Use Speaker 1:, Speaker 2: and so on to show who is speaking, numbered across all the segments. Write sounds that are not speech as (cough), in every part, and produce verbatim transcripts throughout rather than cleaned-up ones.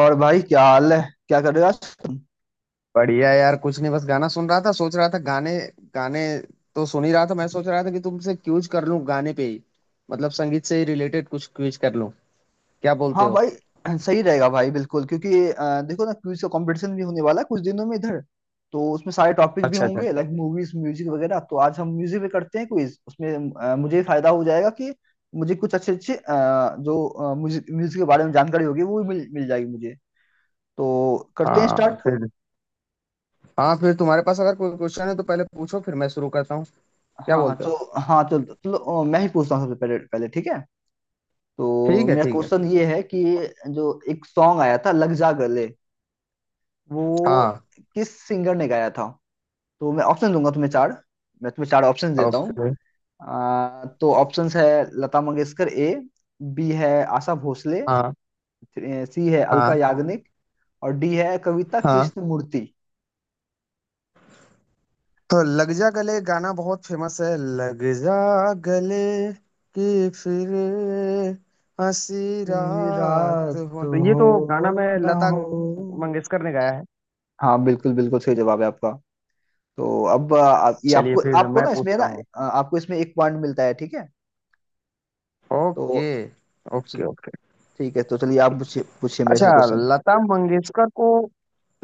Speaker 1: और भाई क्या हाल है। क्या कर रहे हो आज तुम?
Speaker 2: बढ़िया यार, कुछ नहीं, बस गाना सुन रहा था। सोच रहा था गाने गाने तो सुन ही रहा था, मैं सोच रहा था कि तुमसे क्यूज कर लूं गाने पे ही। मतलब संगीत से ही रिलेटेड कुछ क्यूज कर लूं। क्या बोलते
Speaker 1: हाँ
Speaker 2: हो?
Speaker 1: भाई, (clears throat) सही रहेगा भाई, बिल्कुल। क्योंकि अ, देखो ना, क्विज का कंपटीशन भी होने वाला है कुछ दिनों में इधर। तो उसमें सारे टॉपिक भी
Speaker 2: अच्छा, अच्छा।
Speaker 1: होंगे, लाइक मूवीज, म्यूजिक वगैरह। तो आज हम म्यूजिक पे करते हैं क्विज उसमें। अ, मुझे फायदा हो जाएगा कि मुझे कुछ अच्छे अच्छे अ, जो म्यूजिक म्यूजिक के बारे में जानकारी होगी वो भी मिल मिल जाएगी मुझे। तो करते हैं
Speaker 2: हाँ
Speaker 1: स्टार्ट।
Speaker 2: फिर, हाँ फिर तुम्हारे पास अगर कोई क्वेश्चन है तो पहले पूछो, फिर मैं शुरू करता हूँ। क्या
Speaker 1: हाँ हाँ
Speaker 2: बोलते हो?
Speaker 1: तो हाँ तो चलो, अ, मैं ही पूछता हूँ सबसे पहले। पहले ठीक है? तो
Speaker 2: ठीक है,
Speaker 1: मेरा
Speaker 2: ठीक है।
Speaker 1: क्वेश्चन ये है कि जो एक सॉन्ग आया था लग जा गले, वो
Speaker 2: हाँ।
Speaker 1: किस सिंगर ने गाया था? तो मैं ऑप्शन दूंगा तुम्हें चार। मैं तुम्हें चार ऑप्शन देता हूँ।
Speaker 2: ओके।
Speaker 1: आ, तो ऑप्शंस है लता मंगेशकर ए। बी है आशा भोसले।
Speaker 2: हाँ,
Speaker 1: सी है अलका
Speaker 2: हाँ।
Speaker 1: याग्निक। और डी है कविता
Speaker 2: हाँ
Speaker 1: कृष्णमूर्ति।
Speaker 2: तो लग जा गले गाना बहुत फेमस है। लग जा गले कि फिर हंसी रात
Speaker 1: रात
Speaker 2: हो, तो ये
Speaker 1: हो
Speaker 2: तो गाना मैं
Speaker 1: ना
Speaker 2: लता
Speaker 1: हो।
Speaker 2: मंगेशकर ने गाया है।
Speaker 1: हाँ, बिल्कुल बिल्कुल सही जवाब है आपका। तो अब आ, आप, ये
Speaker 2: चलिए
Speaker 1: आपको
Speaker 2: फिर
Speaker 1: आपको
Speaker 2: मैं
Speaker 1: ना इसमें
Speaker 2: पूछता
Speaker 1: ना
Speaker 2: हूँ।
Speaker 1: आ, आपको इसमें एक पॉइंट मिलता है, ठीक है? तो
Speaker 2: ओके, ओके,
Speaker 1: चल-
Speaker 2: ओके।
Speaker 1: ठीक है, तो चलिए आप पूछिए, पूछिए मेरे से
Speaker 2: अच्छा,
Speaker 1: क्वेश्चन।
Speaker 2: लता मंगेशकर को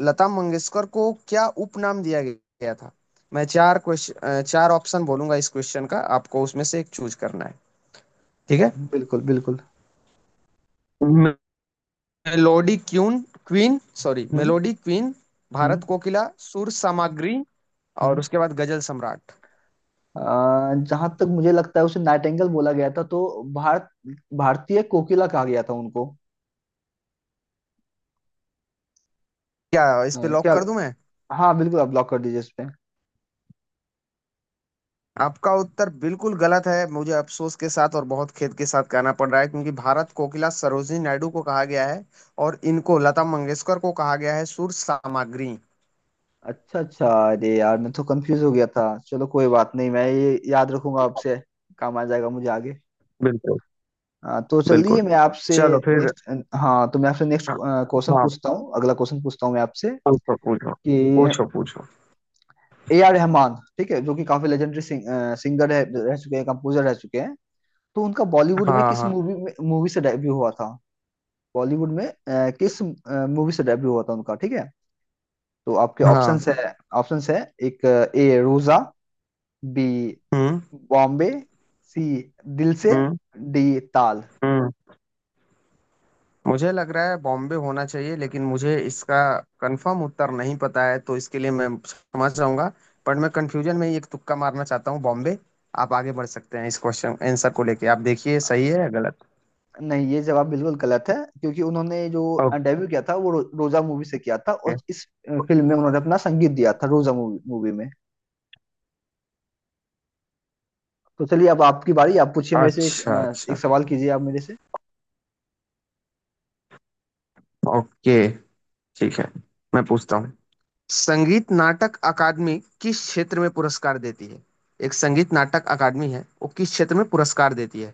Speaker 2: लता मंगेशकर को क्या उपनाम दिया गया था? मैं चार क्वेश्चन, चार ऑप्शन बोलूंगा इस क्वेश्चन का, आपको उसमें से एक चूज करना है, ठीक
Speaker 1: बिल्कुल बिल्कुल।
Speaker 2: है? Melody queen, queen sorry,
Speaker 1: hmm
Speaker 2: melody queen,
Speaker 1: hmm
Speaker 2: Bharat कोकिला, सुर सामग्री, और
Speaker 1: हम्म
Speaker 2: उसके बाद गजल सम्राट।
Speaker 1: जहां तक मुझे लगता है उसे नाइटेंगल बोला गया था। तो भारत भारतीय कोकिला कहा गया था उनको।
Speaker 2: क्या इस
Speaker 1: अ,
Speaker 2: पे लॉक
Speaker 1: क्या?
Speaker 2: कर दूं मैं?
Speaker 1: हाँ बिल्कुल, आप ब्लॉक कर दीजिए इस पे।
Speaker 2: आपका उत्तर बिल्कुल गलत है, मुझे अफसोस के साथ और बहुत खेद के साथ कहना पड़ रहा है, क्योंकि भारत कोकिला सरोजिनी नायडू को कहा गया है, और इनको, लता मंगेशकर को, कहा गया है सुर सामग्री।
Speaker 1: अच्छा अच्छा। अरे यार, मैं तो कंफ्यूज हो गया था। चलो कोई बात नहीं, मैं ये याद रखूंगा आपसे। काम आ जाएगा मुझे आगे।
Speaker 2: बिल्कुल,
Speaker 1: हाँ तो चलिए
Speaker 2: बिल्कुल।
Speaker 1: मैं आपसे
Speaker 2: चलो फिर।
Speaker 1: नेक्स्ट हाँ, तो मैं आपसे नेक्स्ट
Speaker 2: हाँ,
Speaker 1: क्वेश्चन
Speaker 2: हाँ,
Speaker 1: पूछता हूँ, अगला क्वेश्चन पूछता हूँ मैं आपसे
Speaker 2: पूछो पूछो।
Speaker 1: कि
Speaker 2: पूछो पूछो।
Speaker 1: ए आर रहमान, ठीक है, जो कि काफी लेजेंडरी सिंगर है, रह चुके हैं, कंपोजर रह चुके हैं। तो उनका बॉलीवुड में
Speaker 2: हाँ।
Speaker 1: किस
Speaker 2: हाँ।
Speaker 1: मूवी में मूवी से डेब्यू हुआ था? बॉलीवुड में अ, किस मूवी से डेब्यू हुआ था उनका, ठीक है? तो आपके
Speaker 2: हाँ।
Speaker 1: ऑप्शंस है ऑप्शंस है एक A Roja. B
Speaker 2: hmm.
Speaker 1: Bombay. C Dil Se.
Speaker 2: Hmm.
Speaker 1: D ताल।
Speaker 2: हम्म। मुझे लग रहा है बॉम्बे होना चाहिए, लेकिन मुझे इसका कंफर्म उत्तर नहीं पता है, तो इसके लिए मैं समझ जाऊंगा। पर मैं कंफ्यूजन में ही एक तुक्का मारना चाहता हूँ, बॉम्बे। आप आगे बढ़ सकते हैं इस क्वेश्चन आंसर को लेके, आप देखिए सही है या गलत।
Speaker 1: नहीं, ये जवाब बिल्कुल गलत है। क्योंकि उन्होंने जो
Speaker 2: ओके।
Speaker 1: डेब्यू किया था वो रो, रोजा मूवी से किया था। और इस फिल्म में उन्होंने अपना संगीत दिया था रोजा मूवी मूवी में। तो चलिए अब आपकी बारी, आप पूछिए मेरे से एक,
Speaker 2: अच्छा,
Speaker 1: अ, एक
Speaker 2: अच्छा।
Speaker 1: सवाल कीजिए आप मेरे से।
Speaker 2: ओके, ठीक है, मैं पूछता हूँ। संगीत नाटक अकादमी किस क्षेत्र में पुरस्कार देती है? एक संगीत नाटक अकादमी है, वो किस क्षेत्र में पुरस्कार देती है?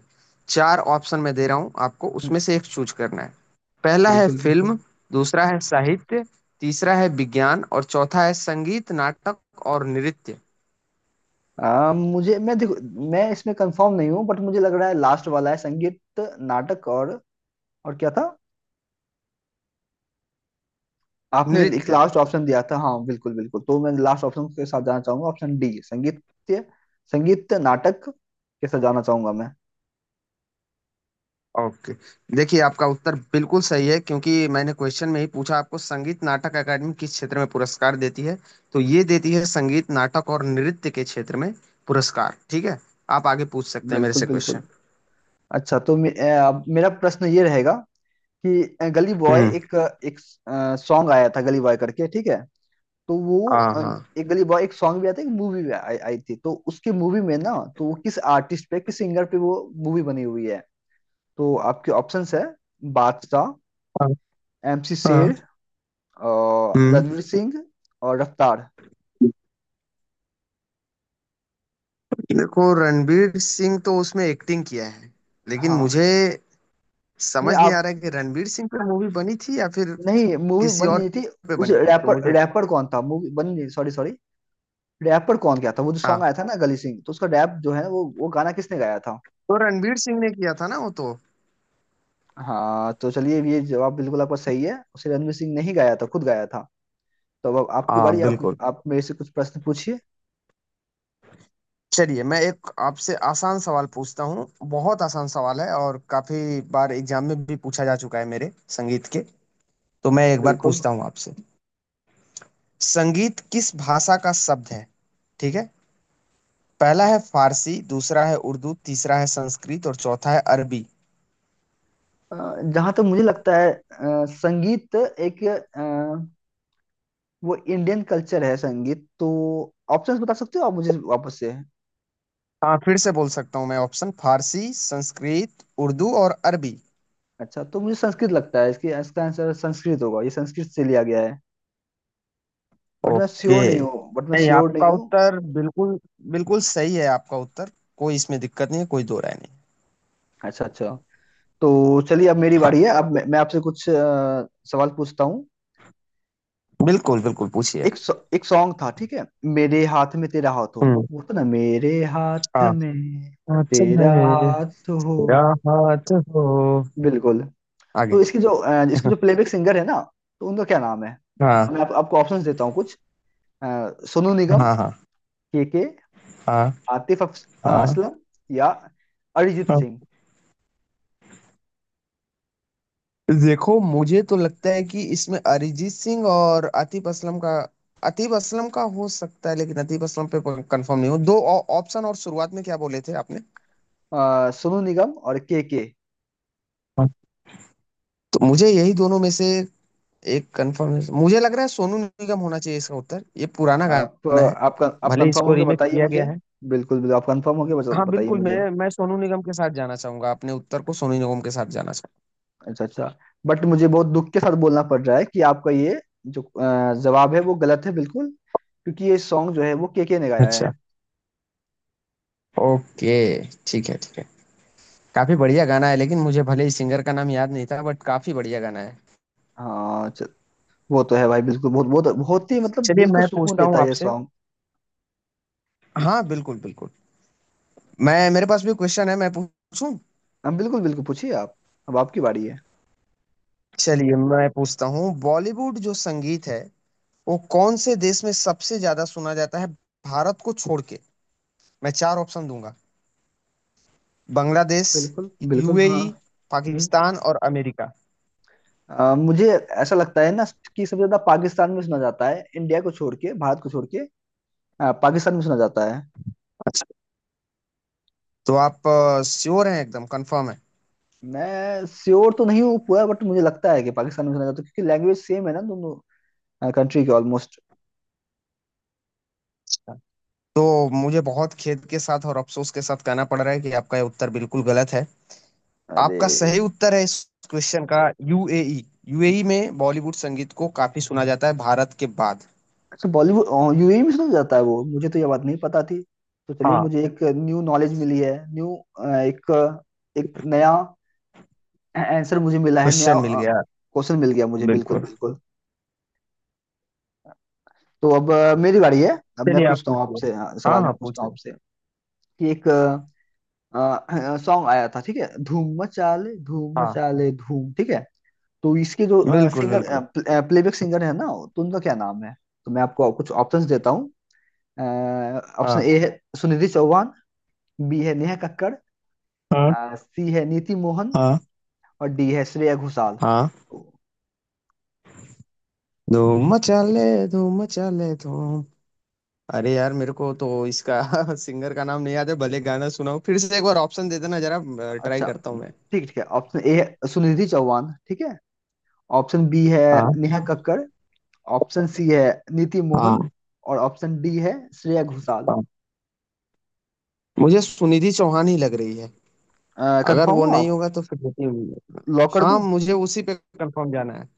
Speaker 2: चार ऑप्शन मैं दे रहा हूँ आपको,
Speaker 1: हम्म,
Speaker 2: उसमें से एक चूज करना है। पहला है
Speaker 1: बिल्कुल बिल्कुल।
Speaker 2: फिल्म, दूसरा है साहित्य, तीसरा है विज्ञान, और चौथा है संगीत नाटक और नृत्य।
Speaker 1: आ, मुझे मैं देखो, मैं इसमें कंफर्म नहीं हूँ बट मुझे लग रहा है लास्ट वाला है संगीत नाटक और। और क्या था? आपने एक
Speaker 2: नृत्य।
Speaker 1: लास्ट ऑप्शन दिया था। हाँ बिल्कुल बिल्कुल, तो मैं लास्ट ऑप्शन के साथ जाना चाहूंगा, ऑप्शन डी संगीत संगीत नाटक के साथ जाना चाहूंगा मैं।
Speaker 2: ओके। देखिए आपका उत्तर बिल्कुल सही है, क्योंकि मैंने क्वेश्चन में ही पूछा आपको, संगीत नाटक अकादमी किस क्षेत्र में पुरस्कार देती है। तो ये देती है संगीत नाटक और नृत्य के क्षेत्र में पुरस्कार, ठीक है? आप आगे पूछ सकते हैं मेरे
Speaker 1: बिल्कुल
Speaker 2: से
Speaker 1: बिल्कुल।
Speaker 2: क्वेश्चन।
Speaker 1: अच्छा, तो मे, अ, अब मेरा प्रश्न ये रहेगा कि अ, गली बॉय
Speaker 2: हम्म।
Speaker 1: एक एक सॉन्ग आया था गली बॉय करके, ठीक है? तो वो
Speaker 2: हाँ,
Speaker 1: अ,
Speaker 2: हाँ।
Speaker 1: एक गली बॉय एक सॉन्ग भी आया था, एक मूवी भी आई आई थी। तो उसकी मूवी में ना, तो वो किस आर्टिस्ट पे, किस सिंगर पे वो मूवी बनी हुई है? तो आपके ऑप्शंस है बादशाह,
Speaker 2: हाँ,
Speaker 1: एमसी
Speaker 2: हाँ,
Speaker 1: शेर, और
Speaker 2: हम्म।
Speaker 1: रणवीर सिंह, और रफ्तार।
Speaker 2: देखो रणवीर सिंह तो उसमें एक्टिंग किया है, लेकिन
Speaker 1: हाँ,
Speaker 2: मुझे
Speaker 1: नहीं
Speaker 2: समझ नहीं आ
Speaker 1: आप
Speaker 2: रहा है कि रणवीर सिंह पे मूवी बनी थी या फिर
Speaker 1: नहीं, मूवी
Speaker 2: किसी
Speaker 1: बन
Speaker 2: और
Speaker 1: नहीं थी।
Speaker 2: पे
Speaker 1: उस
Speaker 2: बनी थी, तो
Speaker 1: रैपर
Speaker 2: मुझे...
Speaker 1: रैपर कौन था, मूवी बन नहीं, सॉरी सॉरी, रैपर कौन क्या था वो जो सॉन्ग
Speaker 2: हाँ
Speaker 1: आया था ना गली सिंह, तो उसका रैप जो है वो, वो गाना किसने गाया था?
Speaker 2: तो रणवीर सिंह ने किया था ना वो तो।
Speaker 1: हाँ तो चलिए, ये जवाब बिल्कुल आपका सही है, उसे रणवीर सिंह ने ही गाया था, खुद गाया था। तो अब आपकी
Speaker 2: हाँ
Speaker 1: बारी, आप
Speaker 2: बिल्कुल।
Speaker 1: आप मेरे से कुछ प्रश्न पूछिए।
Speaker 2: चलिए मैं एक आपसे आसान सवाल पूछता हूँ, बहुत आसान सवाल है, और काफी बार एग्जाम में भी पूछा जा चुका है मेरे संगीत के। तो मैं एक बार
Speaker 1: बिल्कुल।
Speaker 2: पूछता हूँ आपसे, संगीत किस भाषा का शब्द है, ठीक है? पहला है फारसी, दूसरा है उर्दू, तीसरा है संस्कृत, और चौथा है अरबी।
Speaker 1: जहां तक मुझे लगता है अ, संगीत एक अ, वो इंडियन कल्चर है संगीत। तो ऑप्शंस बता सकते हो आप मुझे वापस से?
Speaker 2: हाँ, फिर से बोल सकता हूँ मैं ऑप्शन, फारसी, संस्कृत, उर्दू और अरबी।
Speaker 1: अच्छा, तो मुझे संस्कृत लगता है, इसकी इसका आंसर संस्कृत होगा, ये संस्कृत से लिया गया है। बट मैं
Speaker 2: ओके।
Speaker 1: श्योर नहीं हूँ, बट मैं
Speaker 2: नहीं,
Speaker 1: श्योर नहीं
Speaker 2: आपका
Speaker 1: हूँ
Speaker 2: उत्तर बिल्कुल बिल्कुल सही है, आपका उत्तर। कोई इसमें दिक्कत नहीं है, कोई दो राय नहीं।
Speaker 1: अच्छा अच्छा। तो चलिए अब मेरी
Speaker 2: हाँ,
Speaker 1: बारी है, अब मैं मैं आपसे कुछ अ, सवाल पूछता हूँ।
Speaker 2: बिल्कुल बिल्कुल पूछिए।
Speaker 1: एक सॉ- एक सॉन्ग था, ठीक है, मेरे हाथ में तेरा हाथ हो।
Speaker 2: हम्म।
Speaker 1: वो था ना, मेरे हाथ
Speaker 2: हाँ।
Speaker 1: में
Speaker 2: हाथ
Speaker 1: तेरा
Speaker 2: में
Speaker 1: हाथ हो।
Speaker 2: तेरा हाथ हो।
Speaker 1: बिल्कुल।
Speaker 2: आगे।
Speaker 1: तो इसकी जो अ,
Speaker 2: (laughs)
Speaker 1: इसकी
Speaker 2: हाँ।
Speaker 1: जो प्लेबैक सिंगर है ना, तो उनका क्या नाम है? मैं आप, आपको ऑप्शंस देता हूँ कुछ। अ, सोनू निगम,
Speaker 2: हाँ। हाँ।
Speaker 1: के के
Speaker 2: हाँ।
Speaker 1: आतिफ अफ- अ,
Speaker 2: हाँ।
Speaker 1: असलम, या अरिजीत
Speaker 2: हाँ।
Speaker 1: सिंह।
Speaker 2: देखो मुझे तो लगता है कि इसमें अरिजीत सिंह और आतिफ असलम का, आतिफ असलम का हो सकता है, लेकिन आतिफ असलम पे कंफर्म नहीं हूँ। दो ऑ- ऑप्शन और शुरुआत में क्या बोले थे आपने?
Speaker 1: अ, सोनू निगम और के के।
Speaker 2: हाँ। तो मुझे यही दोनों में से एक कंफर्म मुझे लग रहा है सोनू निगम होना चाहिए इसका उत्तर, ये पुराना
Speaker 1: आप
Speaker 2: गाना है,
Speaker 1: आप आप
Speaker 2: भले
Speaker 1: कंफर्म
Speaker 2: इसको
Speaker 1: होके
Speaker 2: रीमेक
Speaker 1: बताइए
Speaker 2: किया गया
Speaker 1: मुझे।
Speaker 2: है।
Speaker 1: बिल्कुल बिल्कुल, आप कंफर्म होके बता-
Speaker 2: हाँ
Speaker 1: बताइए
Speaker 2: बिल्कुल,
Speaker 1: मुझे।
Speaker 2: मैं मैं सोनू निगम के साथ जाना चाहूंगा, अपने उत्तर को सोनू निगम के साथ जाना चाहूंगा।
Speaker 1: अच्छा अच्छा। बट मुझे बहुत दुख के साथ बोलना पड़ रहा है कि आपका ये जो अ, जवाब है वो गलत है बिल्कुल। क्योंकि ये सॉन्ग जो है वो केके ने गाया
Speaker 2: अच्छा।
Speaker 1: है।
Speaker 2: ओके, ठीक है, ठीक है। काफी बढ़िया गाना है, लेकिन मुझे भले ही सिंगर का नाम याद नहीं था, बट काफी बढ़िया गाना है।
Speaker 1: हाँ च- वो तो है भाई, बिल्कुल। बहुत बहुत बहुत ही मतलब
Speaker 2: चलिए
Speaker 1: दिल को
Speaker 2: मैं
Speaker 1: सुकून
Speaker 2: पूछता
Speaker 1: देता
Speaker 2: हूँ
Speaker 1: है ये
Speaker 2: आपसे।
Speaker 1: सॉन्ग।
Speaker 2: हाँ, बिल्कुल बिल्कुल, मैं, मेरे पास भी क्वेश्चन है, मैं पूछूं।
Speaker 1: हाँ बिल्कुल बिल्कुल, पूछिए आप, अब आपकी बारी है।
Speaker 2: चलिए मैं पूछता हूँ, बॉलीवुड जो संगीत है, वो कौन से देश में सबसे ज्यादा सुना जाता है, भारत को छोड़ के? मैं चार ऑप्शन दूंगा, बांग्लादेश,
Speaker 1: बिल्कुल बिल्कुल। हाँ।
Speaker 2: यूएई,
Speaker 1: हम्म,
Speaker 2: पाकिस्तान और अमेरिका।
Speaker 1: अ, मुझे ऐसा लगता है ना कि सबसे ज्यादा पाकिस्तान में सुना जाता है, इंडिया को छोड़ के, भारत को छोड़ के। अ, पाकिस्तान में सुना जाता है।
Speaker 2: तो आप श्योर हैं, एकदम कंफर्म है?
Speaker 1: मैं श्योर तो नहीं हूँ पूरा, बट मुझे लगता है कि पाकिस्तान में सुना जाता है क्योंकि लैंग्वेज सेम है ना दोनों कंट्री के ऑलमोस्ट।
Speaker 2: हाँ। तो मुझे बहुत खेद के साथ और अफसोस के साथ कहना पड़ रहा है कि आपका ये उत्तर बिल्कुल गलत है।
Speaker 1: अरे,
Speaker 2: आपका सही उत्तर है इस क्वेश्चन का, यूएई। यूएई में बॉलीवुड संगीत को काफी सुना जाता है भारत के बाद।
Speaker 1: अच्छा, बॉलीवुड यूएई में सुना जाता है, वो मुझे तो ये बात नहीं पता थी। तो चलिए
Speaker 2: हाँ।
Speaker 1: मुझे एक न्यू नॉलेज मिली है, न्यू एक एक नया आंसर मुझे मिला है, नया
Speaker 2: क्वेश्चन मिल गया।
Speaker 1: क्वेश्चन मिल गया मुझे, बिल्कुल
Speaker 2: बिल्कुल।
Speaker 1: बिल्कुल। तो अब अ, मेरी बारी है, अब मैं
Speaker 2: चलिए आप
Speaker 1: पूछता हूँ
Speaker 2: पूछिए।
Speaker 1: आपसे अ,
Speaker 2: हाँ
Speaker 1: सवाल, मैं
Speaker 2: हाँ, पूछ
Speaker 1: पूछता हूँ
Speaker 2: रहे।
Speaker 1: आपसे कि एक सॉन्ग आया था, ठीक है, धूम मचा ले, धूम
Speaker 2: हाँ,
Speaker 1: मचा ले धूम, ठीक है? तो इसके जो
Speaker 2: बिल्कुल
Speaker 1: सिंगर
Speaker 2: बिल्कुल।
Speaker 1: प्लेबैक सिंगर है ना, तो उनका क्या नाम है? तो मैं आपको कुछ ऑप्शंस देता हूँ। ऑप्शन
Speaker 2: हाँ।
Speaker 1: ए है सुनिधि चौहान। बी है नेहा कक्कड़।
Speaker 2: हाँ।
Speaker 1: सी है नीति मोहन।
Speaker 2: हाँ।
Speaker 1: और डी है श्रेया घोषाल।
Speaker 2: हाँ।
Speaker 1: ओ,
Speaker 2: धूम मचा ले, धूम मचा ले, धूम। अरे यार मेरे को तो इसका (laughs) सिंगर का नाम नहीं याद है, भले गाना सुनाओ फिर से एक बार, ऑप्शन दे देना जरा, ट्राई
Speaker 1: अच्छा,
Speaker 2: करता हूँ
Speaker 1: ठीक
Speaker 2: मैं।
Speaker 1: ठीक है, ऑप्शन ए है सुनिधि चौहान, ठीक है। ऑप्शन बी है
Speaker 2: हाँ।
Speaker 1: नेहा कक्कड़। ऑप्शन सी है नीति मोहन।
Speaker 2: हाँ।
Speaker 1: और ऑप्शन डी है श्रेया घोषाल।
Speaker 2: हाँ। मुझे सुनिधि चौहान ही लग रही है। अगर
Speaker 1: कंफर्म
Speaker 2: वो
Speaker 1: हो
Speaker 2: नहीं
Speaker 1: आप?
Speaker 2: होगा तो फिर नितिन...
Speaker 1: लॉक कर
Speaker 2: हाँ,
Speaker 1: दूं?
Speaker 2: मुझे उसी पे कंफर्म जाना है।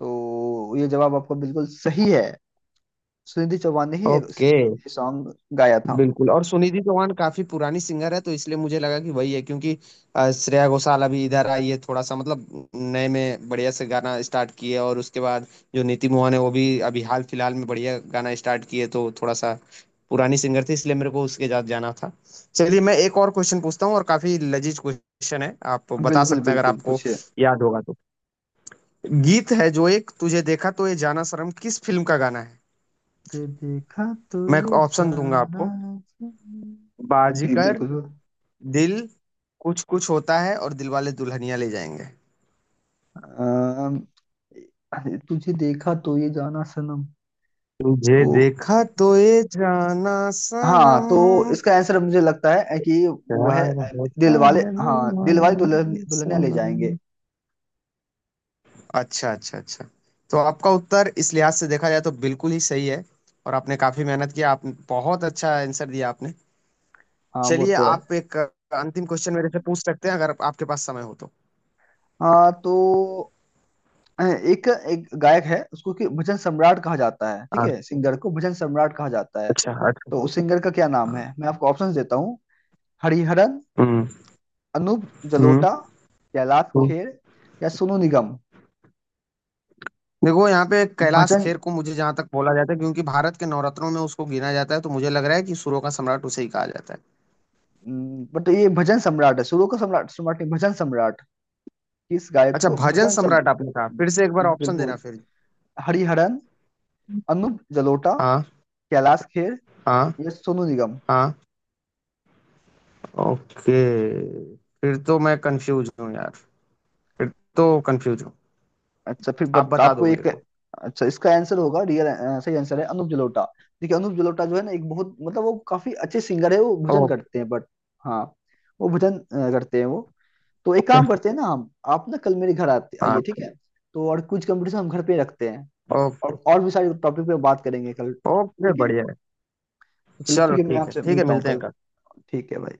Speaker 1: तो ये जवाब आपका बिल्कुल सही है, सुनिधि चौहान ने ही
Speaker 2: ओके।
Speaker 1: ये सॉन्ग गाया था।
Speaker 2: बिल्कुल, और सुनिधि चौहान काफी पुरानी सिंगर है, तो इसलिए मुझे लगा कि वही है, क्योंकि अ, श्रेया घोषाल अभी इधर आई है, थोड़ा सा मतलब नए में बढ़िया से गाना स्टार्ट किए, और उसके बाद जो नीति मोहन है वो भी अभी हाल फिलहाल में बढ़िया गाना स्टार्ट किए, तो थोड़ा सा पुरानी सिंगर थी, इसलिए मेरे को उसके साथ जाना था। चलिए मैं एक और क्वेश्चन पूछता हूँ, और काफी लजीज क्वेश्चन है, आप बता
Speaker 1: बिल्कुल
Speaker 2: सकते हैं अगर
Speaker 1: बिल्कुल,
Speaker 2: आपको
Speaker 1: पूछिए।
Speaker 2: याद होगा तो। गीत है जो, एक तुझे देखा तो ये जाना शर्म, किस फिल्म का गाना है?
Speaker 1: ये देखा तो
Speaker 2: मैं
Speaker 1: ये
Speaker 2: ऑप्शन दूंगा
Speaker 1: जाना
Speaker 2: आपको,
Speaker 1: चाहिए जी,
Speaker 2: बाजीगर,
Speaker 1: बिल्कुल।
Speaker 2: दिल, कुछ कुछ होता है, और दिल वाले दुल्हनिया ले जाएंगे।
Speaker 1: अम, तुझे देखा तो ये जाना सनम।
Speaker 2: तुझे
Speaker 1: तो
Speaker 2: देखा तो ये जाना
Speaker 1: हाँ,
Speaker 2: सनम,
Speaker 1: तो इसका आंसर मुझे लगता है कि वो है
Speaker 2: प्यार होता
Speaker 1: दिल वाले,
Speaker 2: है
Speaker 1: हाँ, दिल
Speaker 2: दीवाना,
Speaker 1: वाले दुल्हन दुल्हनिया ले जाएंगे।
Speaker 2: सनम। अच्छा, अच्छा, अच्छा। तो आपका उत्तर इस लिहाज से देखा जाए तो बिल्कुल ही सही है, और आपने काफी मेहनत किया, आप बहुत अच्छा आंसर दिया आपने।
Speaker 1: हाँ वो
Speaker 2: चलिए
Speaker 1: तो है।
Speaker 2: आप एक अंतिम क्वेश्चन मेरे से पूछ सकते हैं, अगर आपके पास समय हो तो।
Speaker 1: हाँ तो एक एक गायक है उसको कि भजन सम्राट कहा जाता है, ठीक
Speaker 2: हाँ।
Speaker 1: है, सिंगर को भजन सम्राट कहा जाता है।
Speaker 2: अच्छा, अच्छा।
Speaker 1: तो उस सिंगर का क्या नाम
Speaker 2: हाँ।
Speaker 1: है? मैं आपको ऑप्शंस देता हूँ। हरिहरन,
Speaker 2: हम्म।
Speaker 1: अनूप
Speaker 2: हम्म।
Speaker 1: जलोटा, कैलाश खेर, या सोनू निगम।
Speaker 2: देखो यहाँ पे कैलाश
Speaker 1: भजन
Speaker 2: खेर को, मुझे जहां तक बोला जाता है, क्योंकि भारत के नवरत्नों में उसको गिना जाता है, तो मुझे लग रहा है कि सुरों का सम्राट उसे ही कहा जाता है।
Speaker 1: बट ये भजन सम्राट है, सुरों का सम्राट, सम्राट नहीं, भजन सम्राट। किस गायक
Speaker 2: अच्छा,
Speaker 1: को
Speaker 2: भजन
Speaker 1: भजन सम?
Speaker 2: सम्राट आपने कहा, फिर से एक बार ऑप्शन
Speaker 1: बिल्कुल।
Speaker 2: देना फिर।
Speaker 1: हरिहरन, अनूप जलोटा,
Speaker 2: हाँ।
Speaker 1: कैलाश खेर,
Speaker 2: हाँ।
Speaker 1: या सोनू निगम।
Speaker 2: हाँ। ओके। फिर तो मैं कंफ्यूज हूँ यार, फिर तो कंफ्यूज हूँ,
Speaker 1: अच्छा, फिर
Speaker 2: आप
Speaker 1: बट
Speaker 2: बता
Speaker 1: आपको
Speaker 2: दो मेरे
Speaker 1: एक
Speaker 2: को।
Speaker 1: अच्छा इसका आंसर होगा, रियल सही आंसर है अनूप जलोटा। देखिए अनूप जलोटा जो है ना, एक बहुत मतलब, वो काफी अच्छे सिंगर है, वो भजन करते
Speaker 2: ओके।
Speaker 1: हैं बट, हाँ, वो भजन अ, करते हैं वो। तो एक
Speaker 2: ओके,
Speaker 1: काम करते हैं ना, हम आप ना कल मेरे घर आते
Speaker 2: हाँ
Speaker 1: आइए, ठीक
Speaker 2: ठीक।
Speaker 1: है? तो और कुछ कंपटीशन हम घर पे रखते हैं।
Speaker 2: ओके।
Speaker 1: और और भी सारे टॉपिक पे बात करेंगे कल,
Speaker 2: ओके,
Speaker 1: ठीक है?
Speaker 2: बढ़िया है।
Speaker 1: तो चलिए
Speaker 2: चलो
Speaker 1: ठीक है, मैं
Speaker 2: ठीक है,
Speaker 1: आपसे
Speaker 2: ठीक है,
Speaker 1: मिलता हूँ
Speaker 2: मिलते हैं
Speaker 1: कल।
Speaker 2: कल।
Speaker 1: ठीक है भाई।